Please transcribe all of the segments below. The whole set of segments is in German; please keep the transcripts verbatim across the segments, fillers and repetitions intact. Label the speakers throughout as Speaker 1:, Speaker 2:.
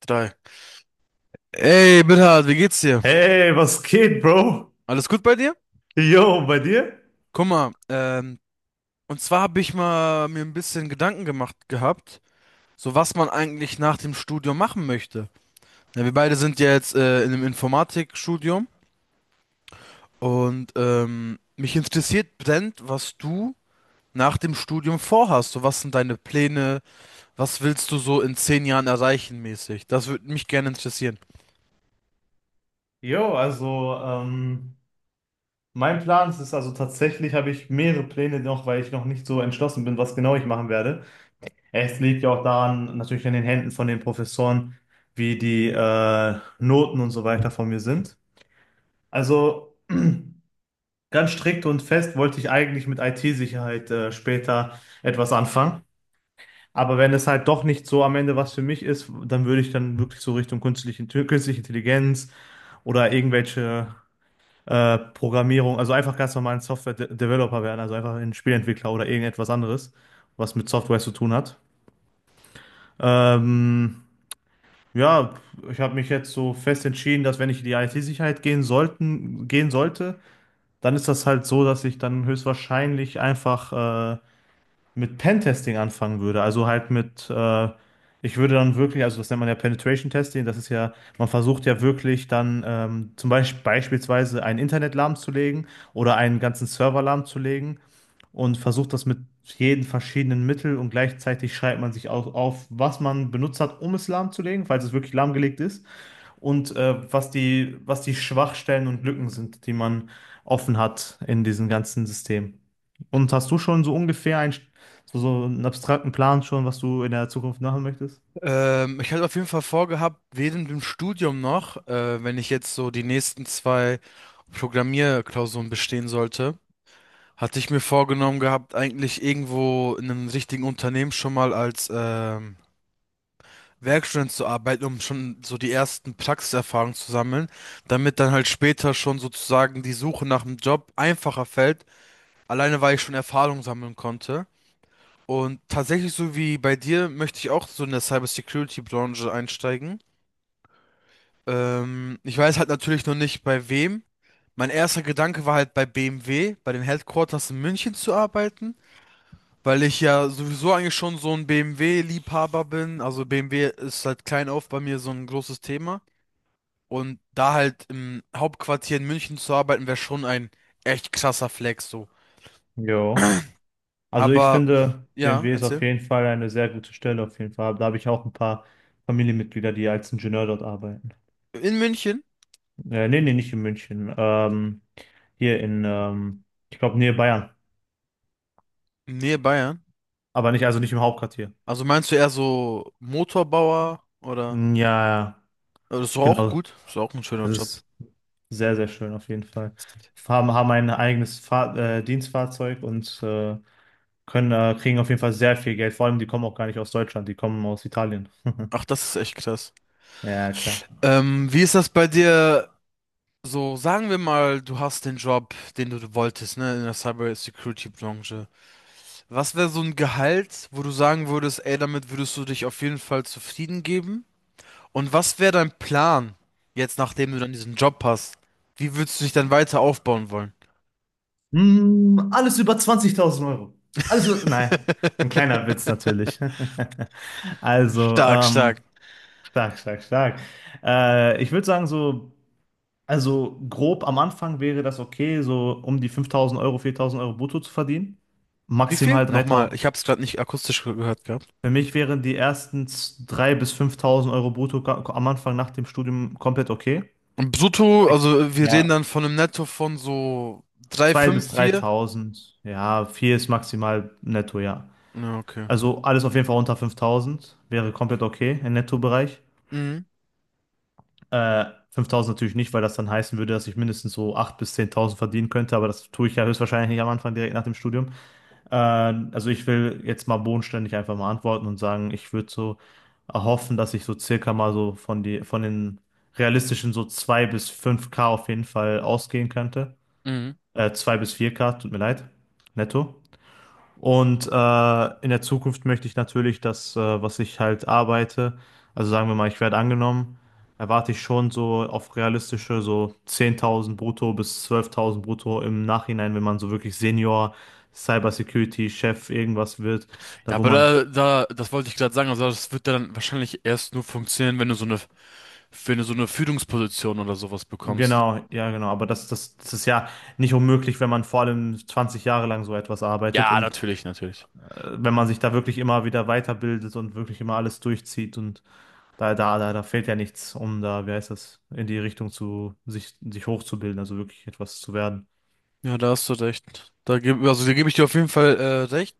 Speaker 1: Drei. Ey, Bernhard, wie geht's dir?
Speaker 2: Hey, was geht, Bro?
Speaker 1: Alles gut bei dir?
Speaker 2: Yo, bei dir?
Speaker 1: Guck mal, ähm, und zwar habe ich mal mir ein bisschen Gedanken gemacht gehabt, so was man eigentlich nach dem Studium machen möchte. Ja, wir beide sind ja jetzt äh, in einem Informatikstudium und ähm, mich interessiert brennend, was du nach dem Studium vorhast. So, was sind deine Pläne? Was willst du so in zehn Jahren erreichen mäßig? Das würde mich gerne interessieren.
Speaker 2: Yo, also ähm, mein Plan ist also tatsächlich, habe ich mehrere Pläne noch, weil ich noch nicht so entschlossen bin, was genau ich machen werde. Es liegt ja auch daran, natürlich an den Händen von den Professoren, wie die äh, Noten und so weiter von mir sind. Also ganz strikt und fest wollte ich eigentlich mit I T-Sicherheit äh, später etwas anfangen. Aber wenn es halt doch nicht so am Ende was für mich ist, dann würde ich dann wirklich so Richtung künstliche, künstliche Intelligenz oder irgendwelche äh, Programmierung, also einfach ganz normal ein Software-Developer werden, also einfach ein Spielentwickler oder irgendetwas anderes, was mit Software zu tun hat. Ähm, ja, ich habe mich jetzt so fest entschieden, dass wenn ich in die I T-Sicherheit gehen sollten, gehen sollte, dann ist das halt so, dass ich dann höchstwahrscheinlich einfach äh, mit Pentesting anfangen würde. Also halt mit, äh, ich würde dann wirklich, also das nennt man ja Penetration Testing, das ist ja, man versucht ja wirklich dann ähm, zum Beispiel beispielsweise einen Internet lahmzulegen oder einen ganzen Server lahmzulegen und versucht das mit jeden verschiedenen Mittel und gleichzeitig schreibt man sich auch auf, was man benutzt hat, um es lahmzulegen, falls es wirklich lahmgelegt ist und äh, was die, was die Schwachstellen und Lücken sind, die man offen hat in diesem ganzen System. Und hast du schon so ungefähr ein, so, so einen abstrakten Plan schon, was du in der Zukunft machen möchtest?
Speaker 1: Ähm, ich hatte auf jeden Fall vorgehabt, während dem Studium noch, äh, wenn ich jetzt so die nächsten zwei Programmierklausuren bestehen sollte, hatte ich mir vorgenommen gehabt, eigentlich irgendwo in einem richtigen Unternehmen schon mal als ähm, Werkstudent zu arbeiten, um schon so die ersten Praxiserfahrungen zu sammeln, damit dann halt später schon sozusagen die Suche nach einem Job einfacher fällt, alleine weil ich schon Erfahrung sammeln konnte. Und tatsächlich, so wie bei dir, möchte ich auch so in der Cybersecurity-Branche einsteigen. Ähm, ich weiß halt natürlich noch nicht bei wem. Mein erster Gedanke war halt bei B M W, bei den Headquarters in München zu arbeiten, weil ich ja sowieso eigentlich schon so ein B M W-Liebhaber bin. Also B M W ist halt klein auf bei mir so ein großes Thema. Und da halt im Hauptquartier in München zu arbeiten, wäre schon ein echt krasser Flex so.
Speaker 2: Jo. Also ich
Speaker 1: Aber
Speaker 2: finde,
Speaker 1: ja,
Speaker 2: B M W ist auf
Speaker 1: erzähl.
Speaker 2: jeden Fall eine sehr gute Stelle, auf jeden Fall. Da habe ich auch ein paar Familienmitglieder, die als Ingenieur dort arbeiten.
Speaker 1: In München,
Speaker 2: Äh, nee, nee, nicht in München. Ähm, hier in, ähm, ich glaube, Nähe Bayern.
Speaker 1: in Nähe Bayern.
Speaker 2: Aber nicht, also nicht im Hauptquartier.
Speaker 1: Also meinst du eher so Motorbauer oder?
Speaker 2: Ja, ja,
Speaker 1: Aber das ist doch auch
Speaker 2: genau.
Speaker 1: gut. Das ist auch ein schöner
Speaker 2: Das
Speaker 1: Job.
Speaker 2: ist. Sehr, sehr schön auf jeden Fall. Haben, haben ein eigenes Fahr äh, Dienstfahrzeug und äh, können, äh, kriegen auf jeden Fall sehr viel Geld. Vor allem, die kommen auch gar nicht aus Deutschland, die kommen aus Italien.
Speaker 1: Ach, das ist echt krass.
Speaker 2: Ja, klar.
Speaker 1: Ähm, wie ist das bei dir? So, sagen wir mal, du hast den Job, den du wolltest, ne, in der Cyber-Security-Branche. Was wäre so ein Gehalt, wo du sagen würdest, ey, damit würdest du dich auf jeden Fall zufrieden geben? Und was wäre dein Plan, jetzt nachdem du dann diesen Job hast? Wie würdest du dich dann weiter aufbauen wollen?
Speaker 2: Mm, alles über zwanzigtausend Euro. Alles über, nein, ein kleiner Witz natürlich. Also,
Speaker 1: Stark,
Speaker 2: ähm,
Speaker 1: stark.
Speaker 2: stark, stark, stark. Äh, ich würde sagen, so, also grob am Anfang wäre das okay, so um die fünftausend Euro, viertausend Euro brutto zu verdienen.
Speaker 1: Wie viel?
Speaker 2: Maximal
Speaker 1: Nochmal,
Speaker 2: dreitausend.
Speaker 1: ich habe es gerade nicht akustisch ge- gehört gehabt.
Speaker 2: Für mich wären die ersten z- dreitausend bis fünftausend Euro brutto ka- am Anfang nach dem Studium komplett okay.
Speaker 1: Und brutto,
Speaker 2: Aber ich,
Speaker 1: also wir reden
Speaker 2: ja,
Speaker 1: dann von einem Netto von so drei,
Speaker 2: zweitausend
Speaker 1: fünf,
Speaker 2: bis
Speaker 1: vier.
Speaker 2: dreitausend. Ja, vier ist maximal netto, ja.
Speaker 1: Ja, okay.
Speaker 2: Also alles auf jeden Fall unter fünftausend wäre komplett okay im Nettobereich.
Speaker 1: Mhm.
Speaker 2: Äh, Fünftausend natürlich nicht, weil das dann heißen würde, dass ich mindestens so achttausend bis zehntausend verdienen könnte, aber das tue ich ja höchstwahrscheinlich nicht am Anfang direkt nach dem Studium. Äh, also ich will jetzt mal bodenständig einfach mal antworten und sagen, ich würde so erhoffen, dass ich so circa mal so von die, von den realistischen so zwei bis fünf k auf jeden Fall ausgehen könnte.
Speaker 1: Mhm.
Speaker 2: Äh, zwei bis vier k, tut mir leid. Netto. Und äh, in der Zukunft möchte ich natürlich das, äh, was ich halt arbeite, also sagen wir mal, ich werde angenommen, erwarte ich schon so auf realistische so zehntausend brutto bis zwölftausend brutto im Nachhinein, wenn man so wirklich Senior, Cybersecurity, Chef, irgendwas wird,
Speaker 1: Ja,
Speaker 2: da wo
Speaker 1: aber
Speaker 2: man,
Speaker 1: da, da, das wollte ich gerade sagen, also das wird dann wahrscheinlich erst nur funktionieren, wenn du so eine, wenn du so eine Führungsposition oder sowas bekommst.
Speaker 2: genau, ja genau, aber das, das, das ist ja nicht unmöglich, wenn man vor allem zwanzig Jahre lang so etwas arbeitet
Speaker 1: Ja,
Speaker 2: und
Speaker 1: natürlich, natürlich.
Speaker 2: äh, wenn man sich da wirklich immer wieder weiterbildet und wirklich immer alles durchzieht und Da, da, da, da fehlt ja nichts, um da, wie heißt das, in die Richtung zu, sich, sich hochzubilden, also wirklich etwas zu werden.
Speaker 1: Ja, da hast du recht. Da gebe, also da gebe ich dir auf jeden Fall äh, recht.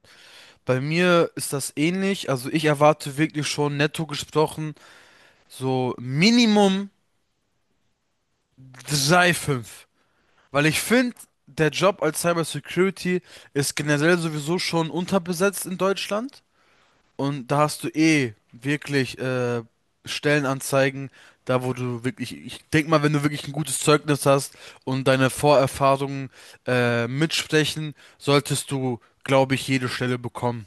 Speaker 1: Bei mir ist das ähnlich. Also ich erwarte wirklich schon netto gesprochen so Minimum drei Komma fünf, weil ich finde, der Job als Cyber Security ist generell sowieso schon unterbesetzt in Deutschland. Und da hast du eh wirklich äh, Stellenanzeigen, da wo du wirklich, ich denk mal, wenn du wirklich ein gutes Zeugnis hast und deine Vorerfahrungen äh, mitsprechen, solltest du, glaube ich, jede Stelle bekommen.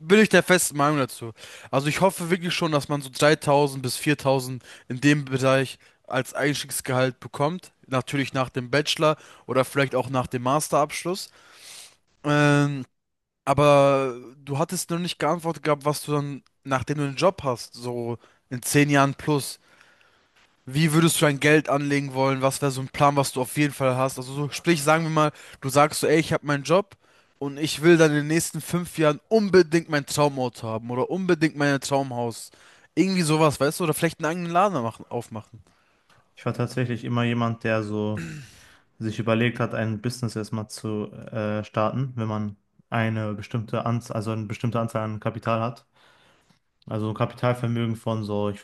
Speaker 1: Bin ich der festen Meinung dazu. Also ich hoffe wirklich schon, dass man so dreitausend bis viertausend in dem Bereich als Einstiegsgehalt bekommt. Natürlich nach dem Bachelor oder vielleicht auch nach dem Masterabschluss. Ähm, aber du hattest noch nicht geantwortet gehabt, was du dann, nachdem du einen Job hast, so in zehn Jahren plus, wie würdest du dein Geld anlegen wollen? Was wäre so ein Plan, was du auf jeden Fall hast? Also so, sprich, sagen wir mal, du sagst so, ey, ich habe meinen Job und ich will dann in den nächsten fünf Jahren unbedingt mein Traumauto haben oder unbedingt mein Traumhaus. Irgendwie sowas, weißt du? Oder vielleicht einen eigenen Laden machen, aufmachen.
Speaker 2: Ich war tatsächlich immer jemand, der so sich überlegt hat, ein Business erstmal zu äh, starten, wenn man eine bestimmte Anzahl, also eine bestimmte Anzahl an Kapital hat. Also ein Kapitalvermögen von so, ich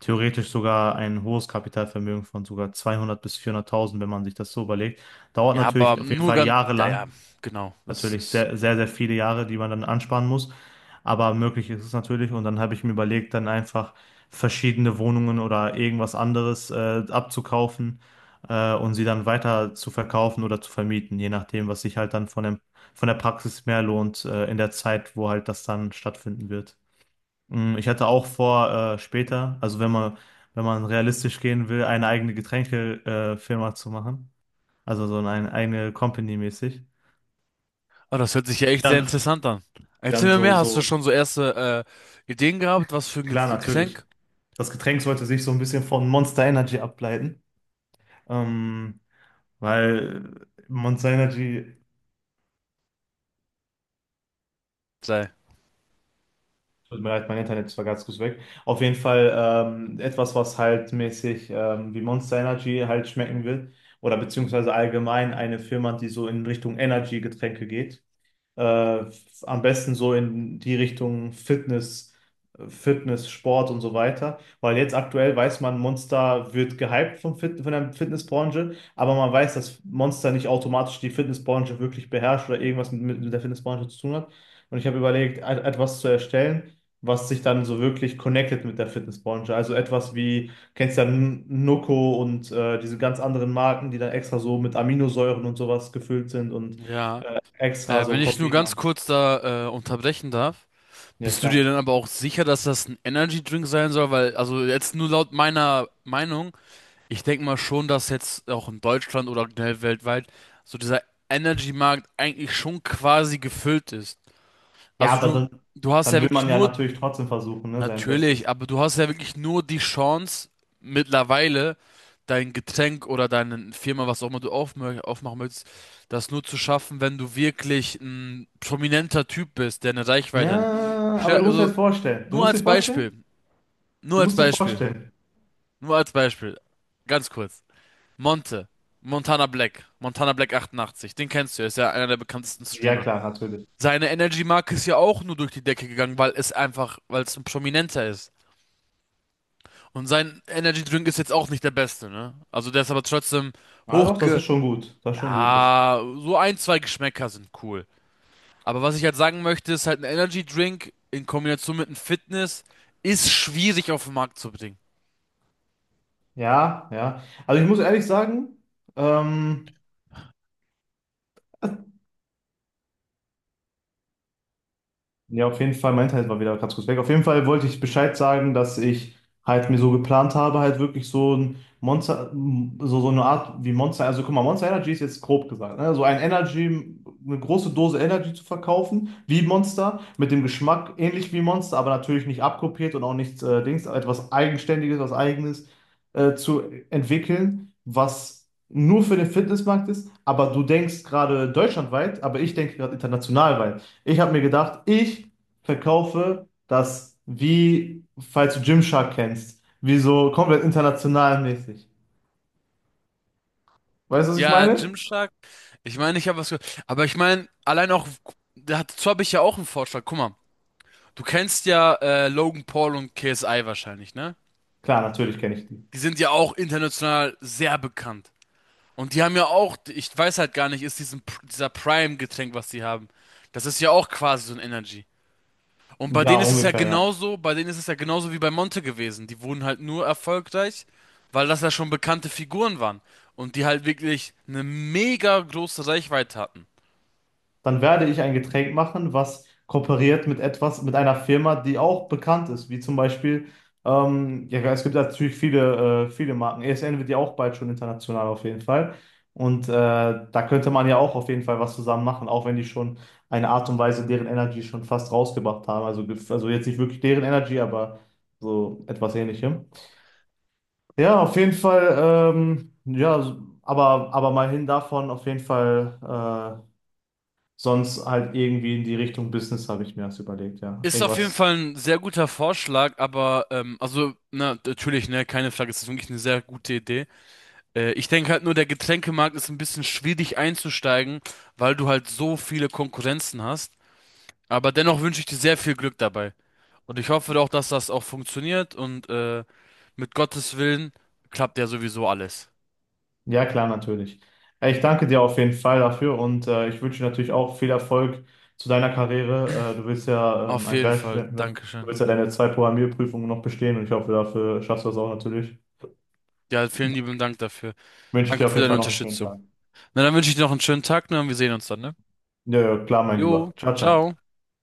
Speaker 2: theoretisch sogar ein hohes Kapitalvermögen von sogar zweihundert bis vierhunderttausend, wenn man sich das so überlegt. Dauert
Speaker 1: Ja, aber
Speaker 2: natürlich auf jeden
Speaker 1: nur
Speaker 2: Fall
Speaker 1: ganz, ja, ja,
Speaker 2: jahrelang.
Speaker 1: genau, das
Speaker 2: Natürlich
Speaker 1: ist.
Speaker 2: sehr, sehr, sehr viele Jahre, die man dann ansparen muss. Aber möglich ist es natürlich. Und dann habe ich mir überlegt, dann einfach verschiedene Wohnungen oder irgendwas anderes äh, abzukaufen äh, und sie dann weiter zu verkaufen oder zu vermieten, je nachdem, was sich halt dann von dem, von der Praxis mehr lohnt äh, in der Zeit, wo halt das dann stattfinden wird. Mm, Ich hatte auch vor, äh, später, also wenn man, wenn man, realistisch gehen will, eine eigene Getränkefirma äh, Firma zu machen. Also so eine eigene Company mäßig.
Speaker 1: Oh, das hört sich ja echt sehr
Speaker 2: Dann,
Speaker 1: interessant an.
Speaker 2: die
Speaker 1: Erzähl
Speaker 2: dann
Speaker 1: mir
Speaker 2: so,
Speaker 1: mehr, hast du
Speaker 2: so,
Speaker 1: schon so erste äh, Ideen gehabt, was für ein Get-
Speaker 2: klar, natürlich.
Speaker 1: Getränk
Speaker 2: Das Getränk sollte sich so ein bisschen von Monster Energy ableiten. Ähm, Weil Monster Energy.
Speaker 1: sei?
Speaker 2: Tut mir leid, mein Internet war ganz kurz weg. Auf jeden Fall ähm, etwas, was halt mäßig ähm, wie Monster Energy halt schmecken wird. Oder beziehungsweise allgemein eine Firma, die so in Richtung Energy-Getränke geht. Äh, f- am besten so in die Richtung Fitness, Fitness, Sport und so weiter. Weil jetzt aktuell weiß man, Monster wird gehypt vom Fit von der Fitnessbranche, aber man weiß, dass Monster nicht automatisch die Fitnessbranche wirklich beherrscht oder irgendwas mit, mit der Fitnessbranche zu tun hat. Und ich habe überlegt, et- etwas zu erstellen, was sich dann so wirklich connected mit der Fitnessbranche. Also etwas wie, kennst ja N- Nocco und äh, diese ganz anderen Marken, die dann extra so mit Aminosäuren und sowas gefüllt sind und
Speaker 1: Ja,
Speaker 2: extra
Speaker 1: äh,
Speaker 2: so
Speaker 1: wenn ich nur
Speaker 2: Koffein
Speaker 1: ganz
Speaker 2: haben.
Speaker 1: kurz da äh, unterbrechen darf,
Speaker 2: Ja,
Speaker 1: bist du dir
Speaker 2: klar.
Speaker 1: dann aber auch sicher, dass das ein Energy Drink sein soll? Weil, also jetzt nur laut meiner Meinung, ich denke mal schon, dass jetzt auch in Deutschland oder generell weltweit so dieser Energy Markt eigentlich schon quasi gefüllt ist.
Speaker 2: Ja,
Speaker 1: Also
Speaker 2: aber
Speaker 1: du,
Speaker 2: dann,
Speaker 1: du hast
Speaker 2: dann
Speaker 1: ja
Speaker 2: will
Speaker 1: wirklich
Speaker 2: man ja
Speaker 1: nur
Speaker 2: natürlich trotzdem versuchen, ne, sein
Speaker 1: natürlich,
Speaker 2: Bestes.
Speaker 1: aber du hast ja wirklich nur die Chance, mittlerweile dein Getränk oder deine Firma, was auch immer du aufmö aufmachen möchtest, das nur zu schaffen, wenn du wirklich ein prominenter Typ bist, der eine Reichweite hat.
Speaker 2: Ja,
Speaker 1: Stell-
Speaker 2: aber du musst dir
Speaker 1: Also,
Speaker 2: jetzt vorstellen. Du
Speaker 1: nur
Speaker 2: musst dir
Speaker 1: als Beispiel,
Speaker 2: vorstellen?
Speaker 1: nur
Speaker 2: Du
Speaker 1: als
Speaker 2: musst dir
Speaker 1: Beispiel,
Speaker 2: vorstellen.
Speaker 1: nur als Beispiel, ganz kurz. Monte, Montana Black, Montana Black achtundachtzig, den kennst du, ist ja einer der bekanntesten
Speaker 2: Ja,
Speaker 1: Streamer.
Speaker 2: klar, natürlich.
Speaker 1: Seine Energy-Marke ist ja auch nur durch die Decke gegangen, weil es einfach, weil es ein Prominenter ist. Und sein Energy Drink ist jetzt auch nicht der beste, ne? Also der ist aber trotzdem
Speaker 2: Ah, doch, das ist
Speaker 1: hochge...
Speaker 2: schon gut. Das ist schon gut. Das.
Speaker 1: Ja, so ein, zwei Geschmäcker sind cool. Aber was ich halt sagen möchte, ist halt ein Energy Drink in Kombination mit einem Fitness ist schwierig auf den Markt zu bringen.
Speaker 2: Ja, ja. Also ich muss ehrlich sagen, ähm, ja, auf jeden Fall, mein Internet war wieder ganz kurz weg. Auf jeden Fall wollte ich Bescheid sagen, dass ich halt mir so geplant habe, halt wirklich so ein Monster, so, so eine Art wie Monster, also guck mal, Monster Energy ist jetzt grob gesagt, ne? So ein Energy, eine große Dose Energy zu verkaufen, wie Monster, mit dem Geschmack ähnlich wie Monster, aber natürlich nicht abkopiert und auch nichts äh, Dings, etwas Eigenständiges, was Eigenes äh, zu entwickeln, was nur für den Fitnessmarkt ist, aber du denkst gerade deutschlandweit, aber ich denke gerade international weit. Ich habe mir gedacht, ich verkaufe das wie, falls du Gymshark kennst, wie so komplett international mäßig. Weißt du, was ich
Speaker 1: Ja,
Speaker 2: meine?
Speaker 1: Gymshark. Ich meine, ich habe was gehört. Aber ich meine, allein auch, da hat- dazu habe ich ja auch einen Vorschlag. Guck mal, du kennst ja äh, Logan Paul und K S I wahrscheinlich, ne?
Speaker 2: Klar, natürlich kenne ich die.
Speaker 1: Die sind ja auch international sehr bekannt. Und die haben ja auch, ich weiß halt gar nicht, ist diesen, dieser Prime-Getränk, was die haben. Das ist ja auch quasi so ein Energy. Und bei denen
Speaker 2: Ja,
Speaker 1: ist es ja
Speaker 2: ungefähr, ja.
Speaker 1: genauso, bei denen ist es ja genauso wie bei Monte gewesen. Die wurden halt nur erfolgreich, weil das ja schon bekannte Figuren waren. Und die halt wirklich eine mega große Reichweite hatten.
Speaker 2: Dann werde ich ein Getränk machen, was kooperiert mit etwas, mit einer Firma, die auch bekannt ist, wie zum Beispiel, ähm, ja, es gibt natürlich viele, äh, viele Marken. E S N wird ja auch bald schon international auf jeden Fall. Und äh, da könnte man ja auch auf jeden Fall was zusammen machen, auch wenn die schon eine Art und Weise deren Energy schon fast rausgebracht haben. Also, gef- also jetzt nicht wirklich deren Energy, aber so etwas Ähnlichem. Ja, auf jeden Fall, ähm, ja, aber, aber mal hin davon, auf jeden Fall, äh, sonst halt irgendwie in die Richtung Business habe ich mir das überlegt, ja.
Speaker 1: Ist auf jeden
Speaker 2: Irgendwas.
Speaker 1: Fall ein sehr guter Vorschlag, aber ähm, also na, natürlich, ne, keine Frage, es ist wirklich eine sehr gute Idee. Äh, ich denke halt nur, der Getränkemarkt ist ein bisschen schwierig einzusteigen, weil du halt so viele Konkurrenzen hast. Aber dennoch wünsche ich dir sehr viel Glück dabei. Und ich hoffe doch, dass das auch funktioniert und äh, mit Gottes Willen klappt ja sowieso alles.
Speaker 2: Ja, klar, natürlich. Äh, Ich danke dir auf jeden Fall dafür und äh, ich wünsche dir natürlich auch viel Erfolg zu deiner Karriere. Äh, du willst ja ähm,
Speaker 1: Auf
Speaker 2: ein
Speaker 1: jeden Fall.
Speaker 2: Werkstudent, ne? Du
Speaker 1: Dankeschön.
Speaker 2: willst ja deine zwei Programmierprüfungen noch bestehen und ich hoffe, dafür schaffst du das auch natürlich.
Speaker 1: Ja, vielen lieben Dank dafür.
Speaker 2: Wünsche ich dir
Speaker 1: Danke
Speaker 2: auf
Speaker 1: für
Speaker 2: jeden
Speaker 1: deine
Speaker 2: Fall noch einen schönen
Speaker 1: Unterstützung.
Speaker 2: Tag.
Speaker 1: Na, dann wünsche ich dir noch einen schönen Tag, ne, und wir sehen uns dann, ne?
Speaker 2: Ja, ja, klar, mein
Speaker 1: Jo,
Speaker 2: Lieber. Ciao, ciao.
Speaker 1: ciao.